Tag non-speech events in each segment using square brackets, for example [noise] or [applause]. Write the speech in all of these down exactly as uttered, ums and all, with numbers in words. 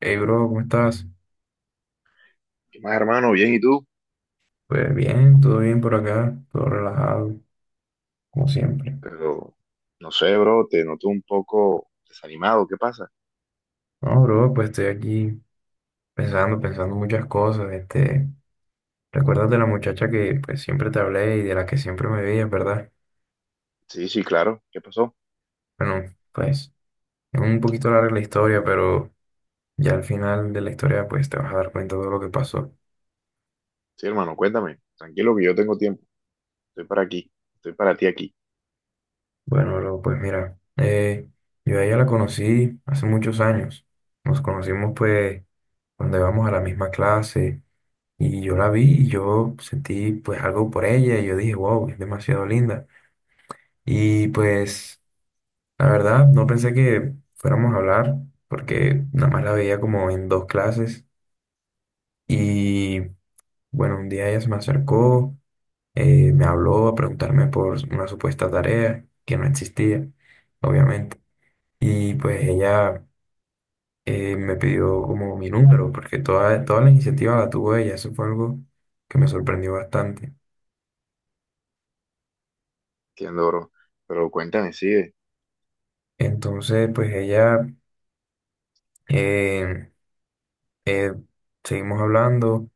Hey bro, ¿cómo estás? ¿Qué más, hermano? Bien, ¿y tú? Pues bien, todo bien por acá, todo relajado, como siempre. Pero no sé, bro, te noto un poco desanimado. ¿Qué pasa? No, bro, pues estoy aquí pensando, pensando muchas cosas. Este, ¿recuerdas de la muchacha que pues siempre te hablé y de la que siempre me veías, verdad? Sí, sí, claro. ¿Qué pasó? Bueno, pues es un poquito larga la historia, pero ya al final de la historia pues te vas a dar cuenta de todo lo que pasó. Sí, hermano, cuéntame. Tranquilo que yo tengo tiempo. Estoy para aquí. Estoy para ti aquí. Bueno, bro, pues mira, eh, yo a ella la conocí hace muchos años. Nos conocimos pues cuando íbamos a la misma clase. Y yo la vi y yo sentí pues algo por ella y yo dije, wow, es demasiado linda. Y pues la verdad no pensé que fuéramos a hablar porque nada más la veía como en dos clases. Y bueno, un día ella se me acercó, eh, me habló a preguntarme por una supuesta tarea que no existía, obviamente. Y pues ella eh, me pidió como mi número porque toda, toda la iniciativa la tuvo ella. Eso fue algo que me sorprendió bastante. Entiendo, bro. Pero cuéntame, sigue. Entonces, pues ella, eh, eh, seguimos hablando,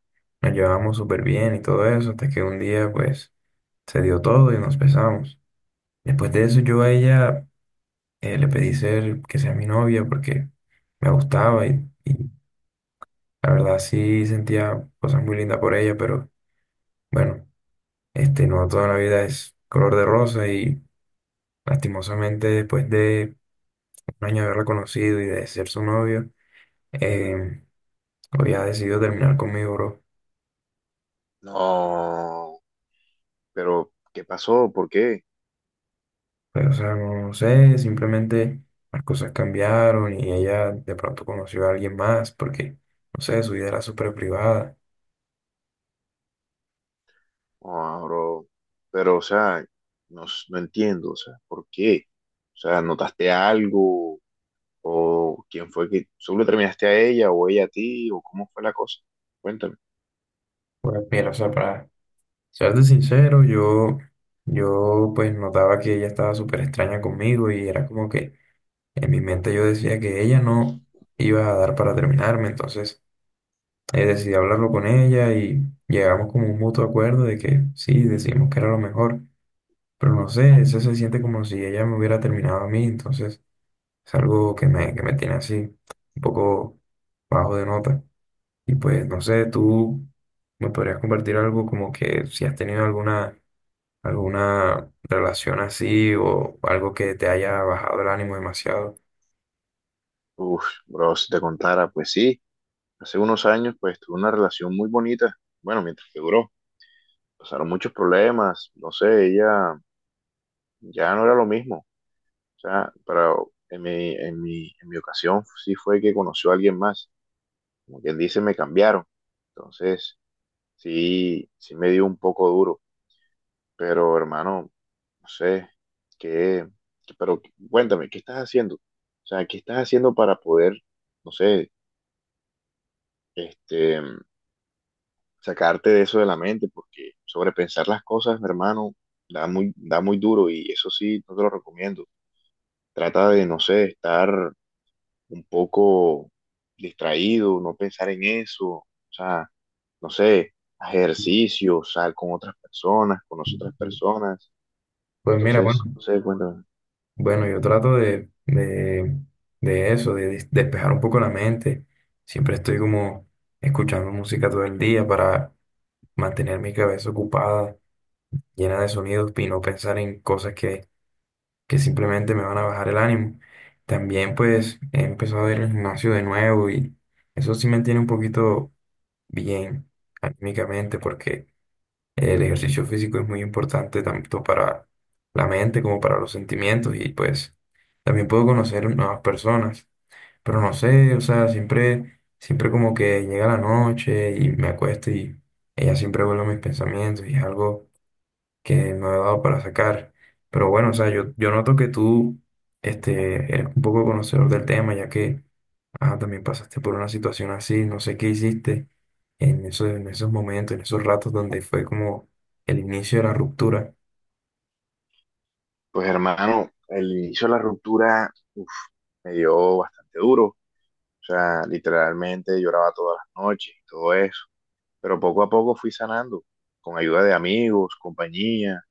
nos llevábamos súper bien y todo eso, hasta que un día, pues, se dio todo y nos besamos. Después de eso, yo a ella eh, le pedí ser, que sea mi novia porque me gustaba y, y la verdad sí sentía cosas muy lindas por ella, pero bueno, este, no toda la vida es color de rosa y lastimosamente después de un año de haberla conocido y de ser su novio, eh, había decidido terminar conmigo, bro. No. Pero, ¿qué pasó? ¿Por qué? Pero, o sea, no, no sé, simplemente las cosas cambiaron y ella de pronto conoció a alguien más porque, no sé, su vida era súper privada. No, bro. Pero, o sea, no, s- no entiendo. O sea, ¿por qué? O sea, ¿notaste algo? ¿O quién fue que solo terminaste a ella o ella a ti? ¿O cómo fue la cosa? Cuéntame. Pues mira, o sea, para serte sincero, yo, yo pues notaba que ella estaba súper extraña conmigo y era como que en mi mente yo decía que ella no iba a dar para terminarme, entonces eh, decidí hablarlo con ella y llegamos como a un mutuo acuerdo de que sí, decimos que era lo mejor, pero no sé, eso se siente como si ella me hubiera terminado a mí, entonces... Es algo que me, que me tiene así, un poco bajo de nota. Y pues, no sé, tú me podrías compartir algo como que si has tenido alguna, alguna relación así o algo que te haya bajado el ánimo demasiado. Uf, bro, si te contara, pues sí, hace unos años pues tuve una relación muy bonita, bueno, mientras que duró, pasaron muchos problemas, no sé, ella ya no era lo mismo, o sea, pero en mi, en mi, en mi ocasión sí fue que conoció a alguien más, como quien dice, me cambiaron, entonces sí, sí me dio un poco duro, pero hermano, no sé, qué, qué- pero cuéntame, ¿qué estás haciendo? O sea, ¿qué estás haciendo para poder, no sé, este... sacarte de eso de la mente, porque sobrepensar las cosas, mi hermano, da muy, da muy duro y eso sí, no te lo recomiendo. Trata de, no sé, estar un poco distraído, no pensar en eso, o sea, no sé, haz ejercicio, sal con otras personas, con otras personas. Pues mira, bueno, Entonces, no sé, cuéntame. bueno, yo trato de, de, de eso, de des- despejar un poco la mente. Siempre estoy como escuchando música todo el día para mantener mi cabeza ocupada, llena de sonidos y no pensar en cosas que que simplemente me van a bajar el ánimo. También pues he empezado a ir al gimnasio de nuevo y eso sí me tiene un poquito bien anímicamente porque el ejercicio físico es muy importante tanto para la mente como para los sentimientos y pues también puedo conocer nuevas personas. Pero no sé, o sea, siempre, siempre como que llega la noche y me acuesto y ella siempre vuelve a mis pensamientos y es algo que no he dado para sacar. Pero bueno, o sea, yo, yo noto que tú este, eres un poco conocedor del tema, ya que ah, también pasaste por una situación así, no sé qué hiciste en esos, en esos momentos, en esos ratos donde fue como el inicio de la ruptura. Pues hermano, el inicio de la ruptura uf, me dio bastante duro, o sea, literalmente lloraba todas las noches, y todo eso. Pero poco a poco fui sanando, con ayuda de amigos, compañía,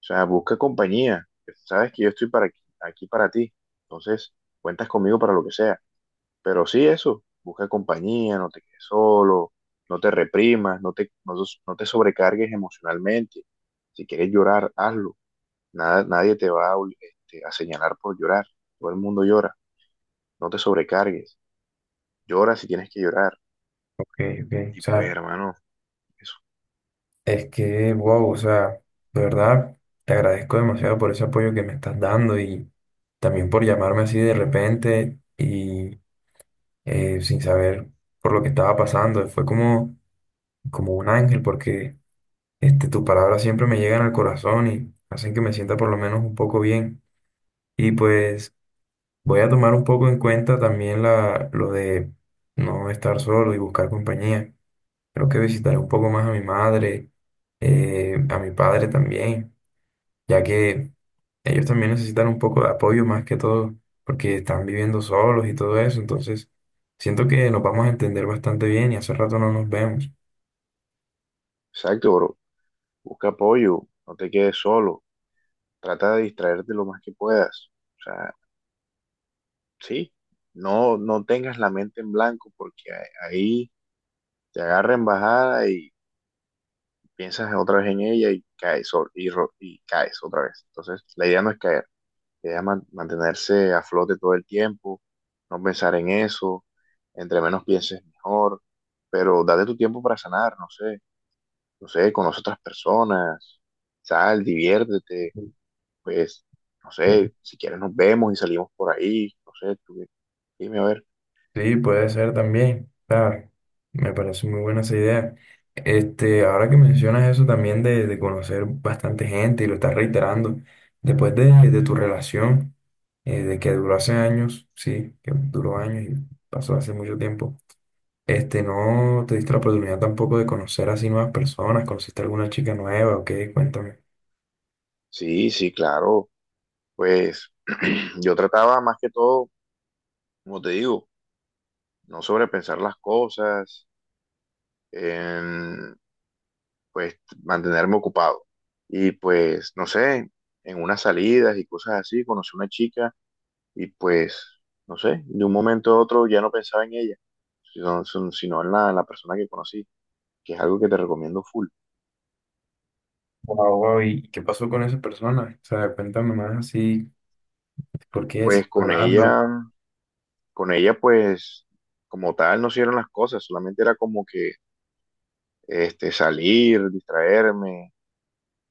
o sea, busca compañía, sabes que yo estoy para aquí, aquí para ti, entonces cuentas conmigo para lo que sea, pero sí eso, busca compañía, no te quedes solo, no te reprimas, no te, no, no te sobrecargues emocionalmente, si quieres llorar, hazlo. Nada, nadie te va a, este, a señalar por llorar, todo el mundo llora, no te sobrecargues, llora si tienes que llorar, Ok, ok, o y pues sea, hermano, eso, es que, wow, o sea, de verdad, te agradezco demasiado por ese apoyo que me estás dando y también por llamarme así de repente y eh, sin saber por lo que estaba pasando. Fue como como un ángel porque este, tus palabras siempre me llegan al corazón y hacen que me sienta por lo menos un poco bien. Y pues voy a tomar un poco en cuenta también la, lo de no estar solo y buscar compañía. Creo que visitaré un poco más a mi madre, eh, a mi padre también, ya que ellos también necesitan un poco de apoyo más que todo porque están viviendo solos y todo eso. Entonces, siento que nos vamos a entender bastante bien y hace rato no nos vemos. exacto, bro. Busca apoyo, no te quedes solo, trata de distraerte lo más que puedas. O sea, sí, no, no tengas la mente en blanco porque a- ahí te agarra en bajada y piensas otra vez en ella y caes, o- y, ro- y caes otra vez. Entonces, la idea no es caer, la idea es man- mantenerse a flote todo el tiempo, no pensar en eso, entre menos pienses mejor, pero date tu tiempo para sanar, no sé, no sé, conoce otras personas, sal, diviértete pues, no sé, si quieres nos vemos y salimos por ahí, no sé, tú dime a ver. Sí, puede ser también. Ah, me parece muy buena esa idea. Este, ahora que mencionas eso también de, de conocer bastante gente y lo estás reiterando, después de, de tu relación, eh, de que duró hace años, sí, que duró años y pasó hace mucho tiempo, este, ¿no te diste la oportunidad tampoco de conocer así nuevas personas? ¿Conociste alguna chica nueva o qué? Cuéntame. Sí, sí, claro, pues [clears throat] yo trataba más que todo, como te digo, no sobrepensar las cosas, em, pues mantenerme ocupado. Y pues, no sé, en unas salidas y cosas así, conocí una chica y pues, no sé, de un momento a otro ya no pensaba en ella, sino, sino en la, en la persona que conocí, que es algo que te recomiendo full. Wow, wow, ¿y qué pasó con esa persona? O sea, cuéntame más así, ¿por qué sigues Pues con hablando? ella con ella pues como tal no hicieron las cosas, solamente era como que este, salir, distraerme,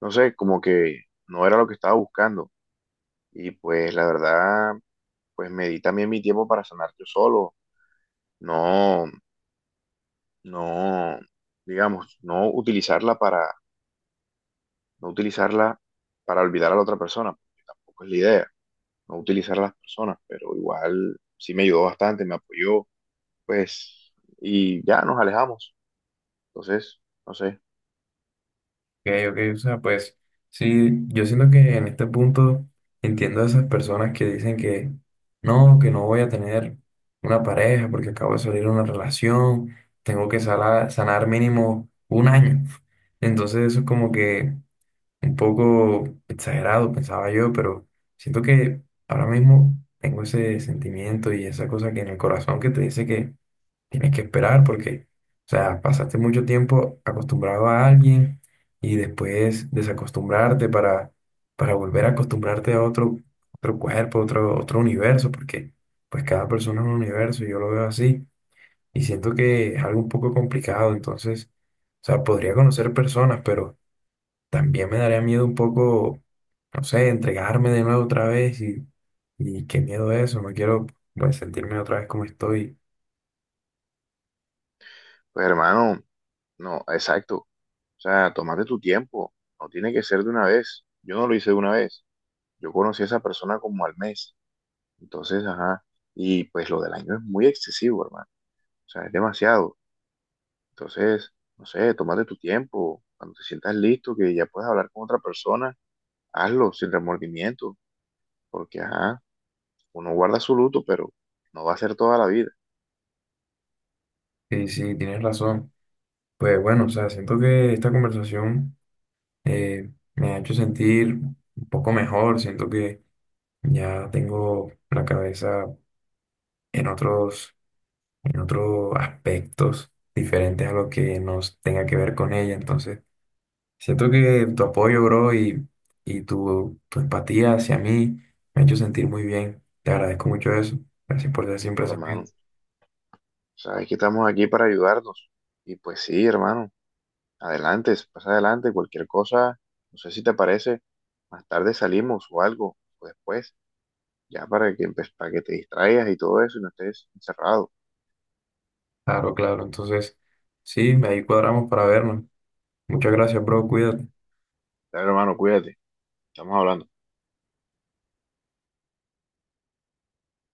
no sé, como que no era lo que estaba buscando. Y pues la verdad, pues me di también mi tiempo para sanar yo solo, no, no, digamos, no utilizarla para, no utilizarla para olvidar a la otra persona, porque tampoco es la idea, no utilizar a las personas, pero igual sí me ayudó bastante, me apoyó, pues, y ya nos alejamos. Entonces, no sé. Ok, ok, o sea, pues sí, yo siento que en este punto entiendo a esas personas que dicen que no, que no voy a tener una pareja porque acabo de salir de una relación, tengo que sala- sanar mínimo un año. Entonces eso es como que un poco exagerado, pensaba yo, pero siento que ahora mismo tengo ese sentimiento y esa cosa que en el corazón que te dice que tienes que esperar porque, o sea, pasaste mucho tiempo acostumbrado a alguien y después desacostumbrarte para, para volver a acostumbrarte a otro, otro cuerpo, otro, otro universo, porque pues cada persona es un universo, yo lo veo así y siento que es algo un poco complicado, entonces, o sea, podría conocer personas, pero también me daría miedo un poco, no sé, entregarme de nuevo otra vez y, y qué miedo eso, no quiero pues sentirme otra vez como estoy. Pues hermano, no, exacto. O sea, tómate tu tiempo. No tiene que ser de una vez. Yo no lo hice de una vez. Yo conocí a esa persona como al mes. Entonces, ajá. Y pues lo del año es muy excesivo, hermano. O sea, es demasiado. Entonces, no sé, tómate tu tiempo. Cuando te sientas listo, que ya puedes hablar con otra persona, hazlo sin remordimiento. Porque, ajá, uno guarda su luto, pero no va a ser toda la vida. Y sí, tienes razón. Pues bueno, o sea, siento que esta conversación eh, me ha hecho sentir un poco mejor, siento que ya tengo la cabeza en otros, en otros aspectos diferentes a lo que nos tenga que ver con ella, entonces siento que tu apoyo, bro, y, y tu, tu empatía hacia mí me ha hecho sentir muy bien, te agradezco mucho eso, gracias por ser siempre Bueno, ese hermano, amigo, sabes que estamos aquí para ayudarnos. Y pues sí, hermano. Adelante, pasa adelante, cualquier cosa, no sé si te parece, más tarde salimos o algo, o después, ya para que, empe- para que te distraigas y todo eso y no estés encerrado. claro, claro, entonces sí, ahí cuadramos para vernos, muchas gracias, bro, cuídate. Dale, hermano, cuídate, estamos hablando.